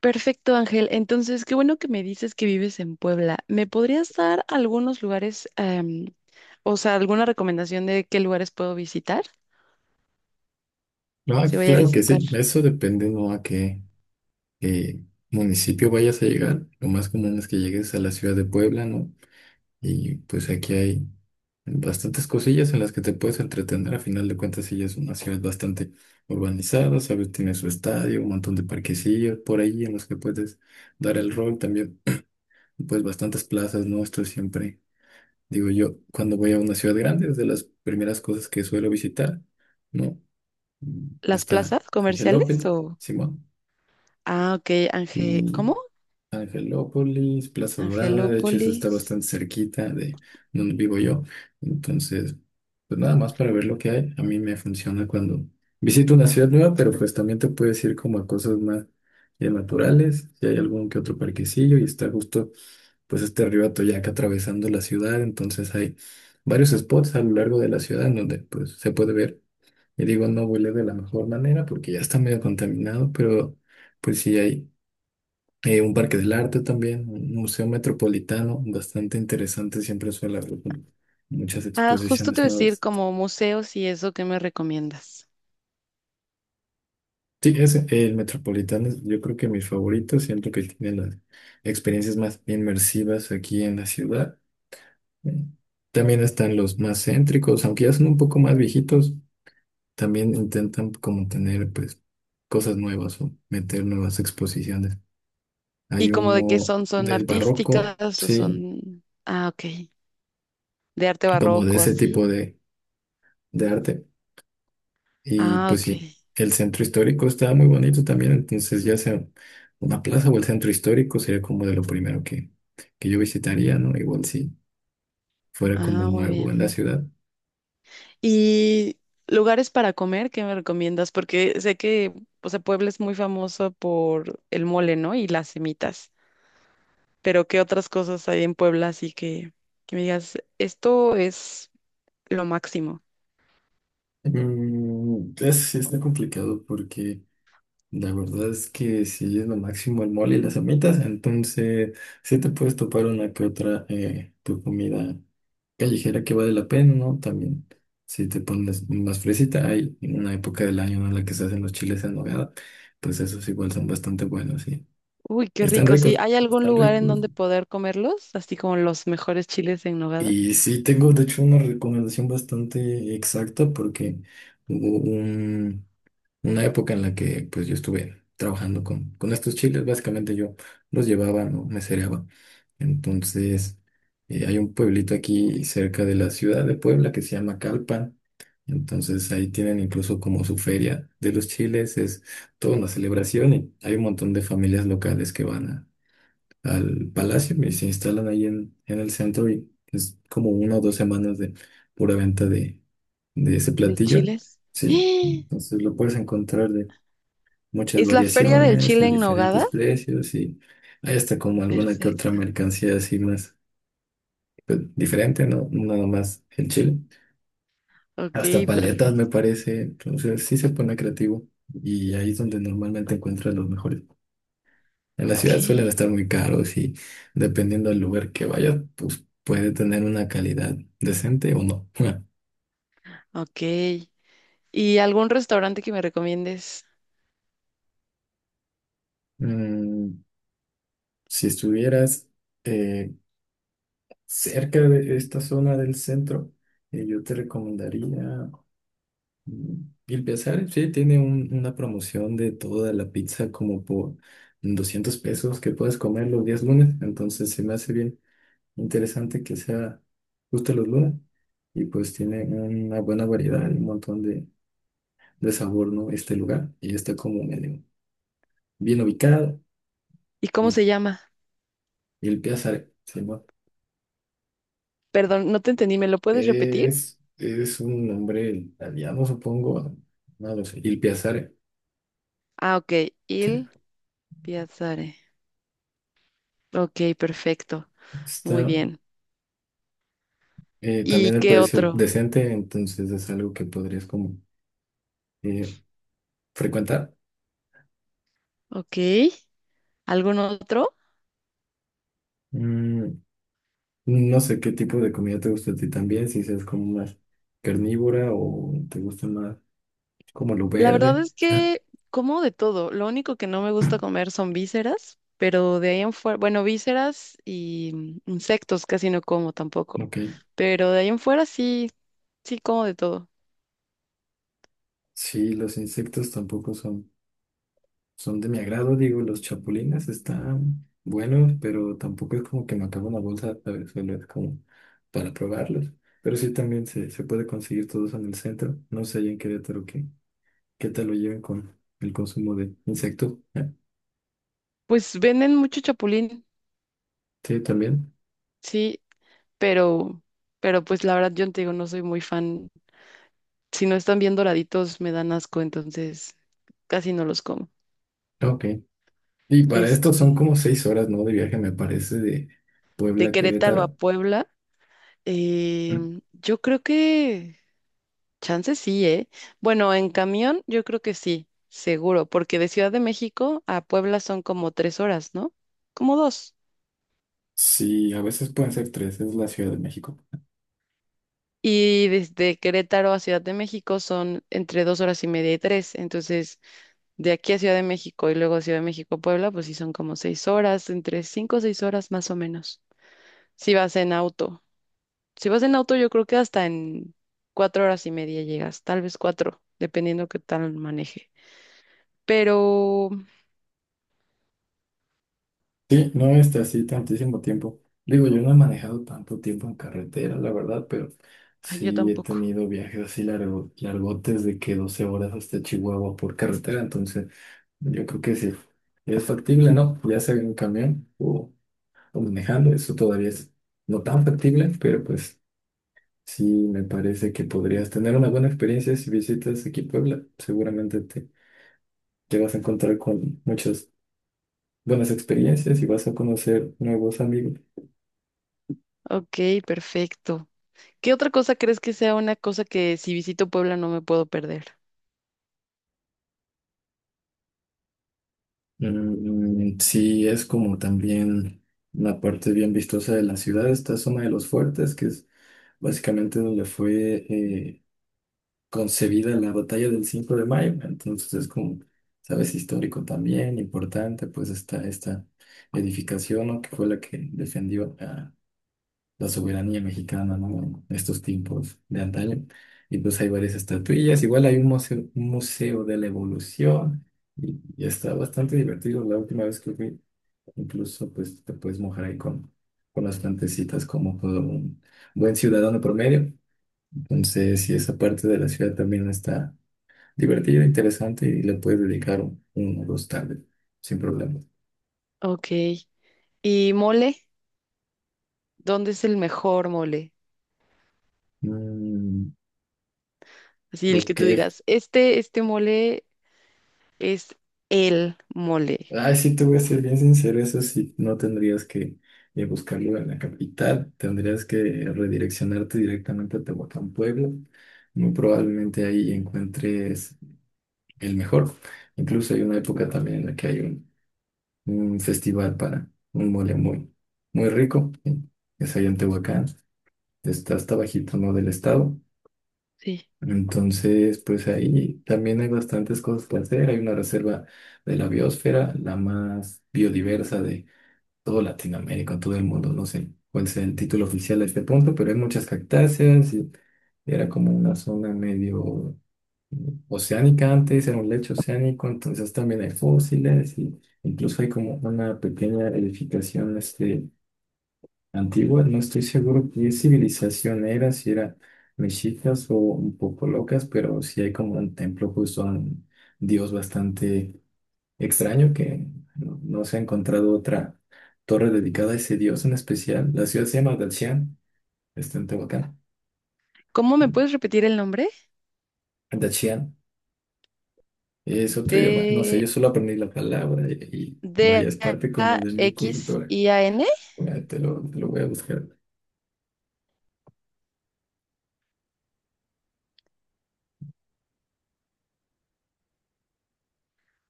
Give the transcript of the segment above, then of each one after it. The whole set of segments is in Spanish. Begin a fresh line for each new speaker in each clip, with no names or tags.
Perfecto, Ángel. Entonces, qué bueno que me dices que vives en Puebla. ¿Me podrías dar algunos lugares, o sea, alguna recomendación de qué lugares puedo visitar?
Ah,
Si voy a
claro que
visitar
sí, eso dependiendo a qué municipio vayas a llegar. Lo más común es que llegues a la ciudad de Puebla, ¿no? Y pues aquí hay bastantes cosillas en las que te puedes entretener. A final de cuentas, sí es una ciudad bastante urbanizada, ¿sabes? Tiene su estadio, un montón de parquecillos por ahí en los que puedes dar el rol también. Pues bastantes plazas, ¿no? Esto siempre, digo yo, cuando voy a una ciudad grande, es de las primeras cosas que suelo visitar, ¿no?
las
Está
plazas
Ángel
comerciales
López,
o...
Simón.
Ah, ok, Ángel,
Y
¿cómo?
Angelópolis, Plaza Dorada, de hecho eso está
Angelópolis.
bastante cerquita de donde vivo yo, entonces pues nada más para ver lo que hay, a mí me funciona cuando visito una ciudad nueva, pero pues también te puedes ir como a cosas más ya naturales, si hay algún que otro parquecillo y está justo pues este río Atoyac atravesando la ciudad, entonces hay varios spots a lo largo de la ciudad en donde pues se puede ver, y digo no huele de la mejor manera porque ya está medio contaminado, pero pues sí hay un parque del arte también, un museo metropolitano, bastante interesante, siempre suele haber muchas
Ah, justo te
exposiciones
voy a decir
nuevas.
como museos y eso, ¿qué me recomiendas?
Sí, ese, el metropolitano es yo creo que mi favorito, siento que tiene las experiencias más inmersivas aquí en la ciudad. También están los más céntricos, aunque ya son un poco más viejitos, también intentan como tener pues cosas nuevas o meter nuevas exposiciones. Hay
Y como de qué
uno
son, ¿son
del barroco,
artísticas o
sí,
son... Ah, ok, de arte
como de
barroco,
ese
así.
tipo de arte. Y
Ah,
pues
ok.
sí, el centro histórico está muy bonito también, entonces ya sea una plaza o el centro histórico sería como de lo primero que yo visitaría, ¿no? Igual si fuera como
Ah, muy
nuevo en
bien.
la ciudad.
Y lugares para comer, ¿qué me recomiendas? Porque sé que, o sea, Puebla es muy famoso por el mole, ¿no? Y las semitas. Pero ¿qué otras cosas hay en Puebla? Así que me digas, esto es lo máximo.
Es, sí está complicado porque la verdad es que sí es lo máximo el mole y las amitas, entonces sí te puedes topar una que otra tu comida callejera que vale la pena, ¿no? También, si te pones más fresita, hay una época del año, ¿no?, en la que se hacen los chiles en nogada, pues esos igual son bastante buenos, sí.
Uy, qué
Están
rico, sí.
ricos,
¿Hay algún
están
lugar en
ricos.
donde poder comerlos? Así como los mejores chiles en nogada.
Y sí, tengo de hecho una recomendación bastante exacta porque hubo un, una época en la que pues yo estuve trabajando con estos chiles, básicamente yo los llevaba, no me cereaba. Entonces, hay un pueblito aquí cerca de la ciudad de Puebla que se llama Calpan. Entonces ahí tienen incluso como su feria de los chiles, es toda una celebración y hay un montón de familias locales que van al palacio y se instalan ahí en el centro y es como 1 o 2 semanas de pura venta de ese
¿De
platillo.
chiles?
Sí,
¡Ah!
entonces lo puedes encontrar de muchas
¿Es la feria del
variaciones, a
chile en nogada?
diferentes precios y hay hasta como alguna que otra
Perfecto.
mercancía así más pues, diferente, ¿no? Nada más el chile.
Ok,
Hasta paletas me
perfecto.
parece, entonces sí se pone creativo y ahí es donde normalmente encuentras los mejores. En la
Ok,
ciudad suelen estar muy caros y dependiendo del lugar que vayas, pues puede tener una calidad decente o no.
ok. ¿Y algún restaurante que me recomiendes?
Mm, si estuvieras eh, cerca de esta zona del centro, yo te recomendaría mm, Il Piazzale. Sí, tiene una promoción de toda la pizza como por 200 pesos que puedes comer los días lunes. Entonces se me hace bien interesante que sea justo los lunes. Y pues tiene una buena variedad, un montón de sabor, ¿no? Este lugar. Y está como medio bien ubicado.
¿Y cómo se
Bien.
llama?
Y el Piazza se llama.
Perdón, no te entendí, ¿me lo puedes repetir?
Es un nombre italiano, supongo. No lo sé. Il Piazzale.
Ah, ok,
Sí.
Il Piazzare. Ok, perfecto, muy
Está
bien. ¿Y
también el
qué
precio
otro?
decente, entonces es algo que podrías como eh, frecuentar.
Ok, ¿algún otro?
Mm, no sé qué tipo de comida te gusta a ti también, si seas como más carnívora o te gusta más como lo
La verdad
verde.
es
Ah,
que como de todo, lo único que no me gusta comer son vísceras, pero de ahí en fuera, bueno, vísceras y insectos casi no como tampoco,
ok.
pero de ahí en fuera sí, sí como de todo.
Sí, los insectos tampoco son. Son de mi agrado, digo, los chapulines están buenos, pero tampoco es como que me acabo una bolsa, ¿sabes? Solo es como para probarlos. Pero sí también se puede conseguir todos en el centro. No sé allá en Querétaro qué tal lo lleven con el consumo de insectos. ¿Eh?
Pues venden mucho chapulín,
Sí, también.
sí, pero, pero pues la verdad yo te digo, no soy muy fan. Si no están bien doraditos, me dan asco, entonces casi no los como.
Ok. Y para esto son
Este,
como 6 horas, ¿no? De viaje, me parece, de Puebla
de
a
Querétaro a
Querétaro.
Puebla,
Mm,
yo creo que chance sí, ¿eh? Bueno, en camión yo creo que sí, seguro, porque de Ciudad de México a Puebla son como 3 horas, ¿no? Como dos.
Sí, a veces pueden ser tres, es la Ciudad de México.
Y desde Querétaro a Ciudad de México son entre 2 horas y media y 3. Entonces, de aquí a Ciudad de México y luego Ciudad de México a Puebla, pues sí son como 6 horas, entre 5 o 6 horas más o menos. Si vas en auto. Si vas en auto, yo creo que hasta en 4 horas y media llegas, tal vez cuatro, dependiendo qué tal maneje. Pero
Sí, no está así tantísimo tiempo. Digo, yo no he manejado tanto tiempo en carretera, la verdad, pero
ay, yo
sí he
tampoco.
tenido viajes así largo, largotes de que 12 horas hasta Chihuahua por carretera, entonces yo creo que sí, es factible, ¿no? Ya sea en camión o manejando, eso todavía es no tan factible, pero pues sí me parece que podrías tener una buena experiencia si visitas aquí Puebla, seguramente te vas a encontrar con muchas buenas experiencias y vas a conocer nuevos amigos.
Ok, perfecto. ¿Qué otra cosa crees que sea una cosa que si visito Puebla no me puedo perder?
Sí, es como también una parte bien vistosa de la ciudad. Esta es una de los fuertes, que es básicamente donde fue concebida la batalla del 5 de mayo. Entonces es como, sabes, histórico también, importante, pues está esta edificación, ¿no? Que fue la que defendió a la soberanía mexicana, ¿no? En estos tiempos de antaño. Y pues hay varias estatuillas. Igual hay un museo de la evolución. Y está bastante divertido. La última vez que fui incluso pues te puedes mojar ahí con las plantecitas como todo un buen ciudadano promedio. Entonces, si esa parte de la ciudad también está divertida, interesante y le puedes dedicar un o dos tardes sin problema.
Ok. ¿Y mole? ¿Dónde es el mejor mole?
Mm,
Así el que
ok.
tú digas, este mole es el mole.
Ay, sí, te voy a ser bien sincero, eso sí, no tendrías que buscarlo en la capital, tendrías que redireccionarte directamente a Tehuacán, Puebla. Muy probablemente ahí encuentres el mejor. Incluso hay una época también en la que hay un festival para un mole muy, muy rico, que es allá en Tehuacán, está hasta bajito, ¿no? Del estado.
Sí.
Entonces, pues ahí también hay bastantes cosas que hacer. Hay una reserva de la biosfera, la más biodiversa de todo Latinoamérica, todo el mundo. No sé cuál sea el título oficial a este punto, pero hay muchas cactáceas y era como una zona medio oceánica antes, era un lecho oceánico, entonces también hay fósiles y incluso hay como una pequeña edificación este, antigua, no estoy seguro qué civilización era, si era mexicas o un poco locas, pero sí hay como un templo justo a un dios bastante extraño que no se ha encontrado otra torre dedicada a ese dios en especial. La ciudad se llama Dachian, está en Tehuacán.
¿Cómo me puedes repetir el nombre?
Dachian. Es otro idioma. No sé,
De
yo solo aprendí la palabra y vaya, es parte como de mi cultura.
Daxian.
Mira, te lo voy a buscar.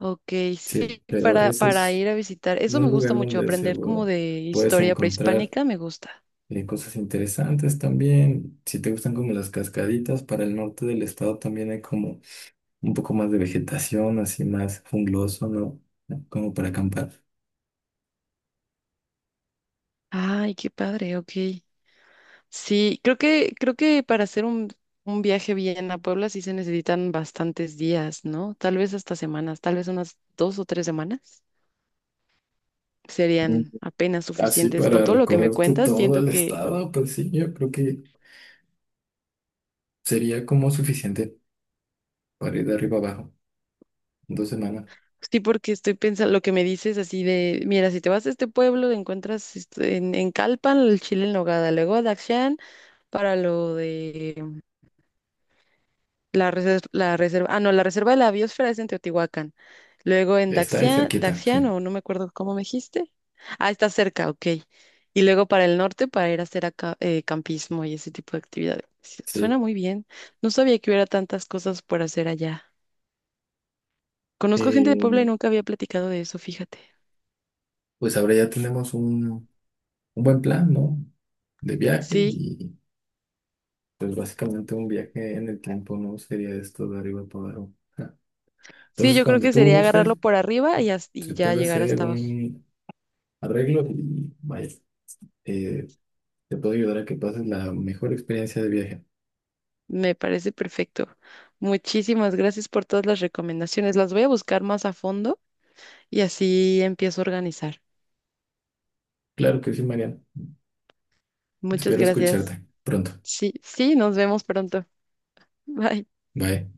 Ok,
Sí,
sí,
pero
para,
ese
para
es
ir a visitar. Eso
un
me gusta
lugar
mucho,
donde
aprender como
seguro
de
puedes
historia
encontrar
prehispánica, me gusta.
cosas interesantes también. Si te gustan como las cascaditas, para el norte del estado también hay como un poco más de vegetación, así más jungloso, ¿no? Como para acampar.
Ay, qué padre, ok. Sí, creo que para hacer un viaje bien a Puebla sí se necesitan bastantes días, ¿no? Tal vez hasta semanas, tal vez unas 2 o 3 semanas
Mm.
serían apenas
Así
suficientes. Con
para
todo lo que me
recorrerte
cuentas,
todo
siento
el
que.
estado, pues sí, yo creo que sería como suficiente para ir de arriba abajo. Dos semanas.
Sí, porque estoy pensando lo que me dices así de, mira, si te vas a este pueblo, encuentras en Calpan el chile en nogada, luego a Daxan para lo de la reserva, ah, no, la reserva de la biosfera es en Teotihuacán, luego en
Está ahí
Daxian,
cerquita,
Daxian,
sí.
o no me acuerdo cómo me dijiste, ah, está cerca, ok, y luego para el norte para ir a hacer acá, campismo y ese tipo de actividades. Sí, suena
Sí.
muy bien, no sabía que hubiera tantas cosas por hacer allá. Conozco gente de Puebla y
Eh,
nunca había platicado de eso, fíjate.
pues ahora ya tenemos un buen plan, ¿no? De viaje
Sí,
y pues básicamente un viaje en el tiempo, ¿no? Sería esto de arriba para abajo. Ja.
sí,
Entonces,
yo creo
cuando
que
tú
sería agarrarlo
gustes,
por arriba y, as-
se
y ya
puede
llegar
hacer
hasta abajo.
un arreglo y vaya, eh, te puedo ayudar a que pases la mejor experiencia de viaje.
Me parece perfecto. Muchísimas gracias por todas las recomendaciones. Las voy a buscar más a fondo y así empiezo a organizar.
Claro que sí, Mariana.
Muchas
Espero
gracias.
escucharte pronto.
Sí, sí, nos vemos pronto. Bye.
Bye.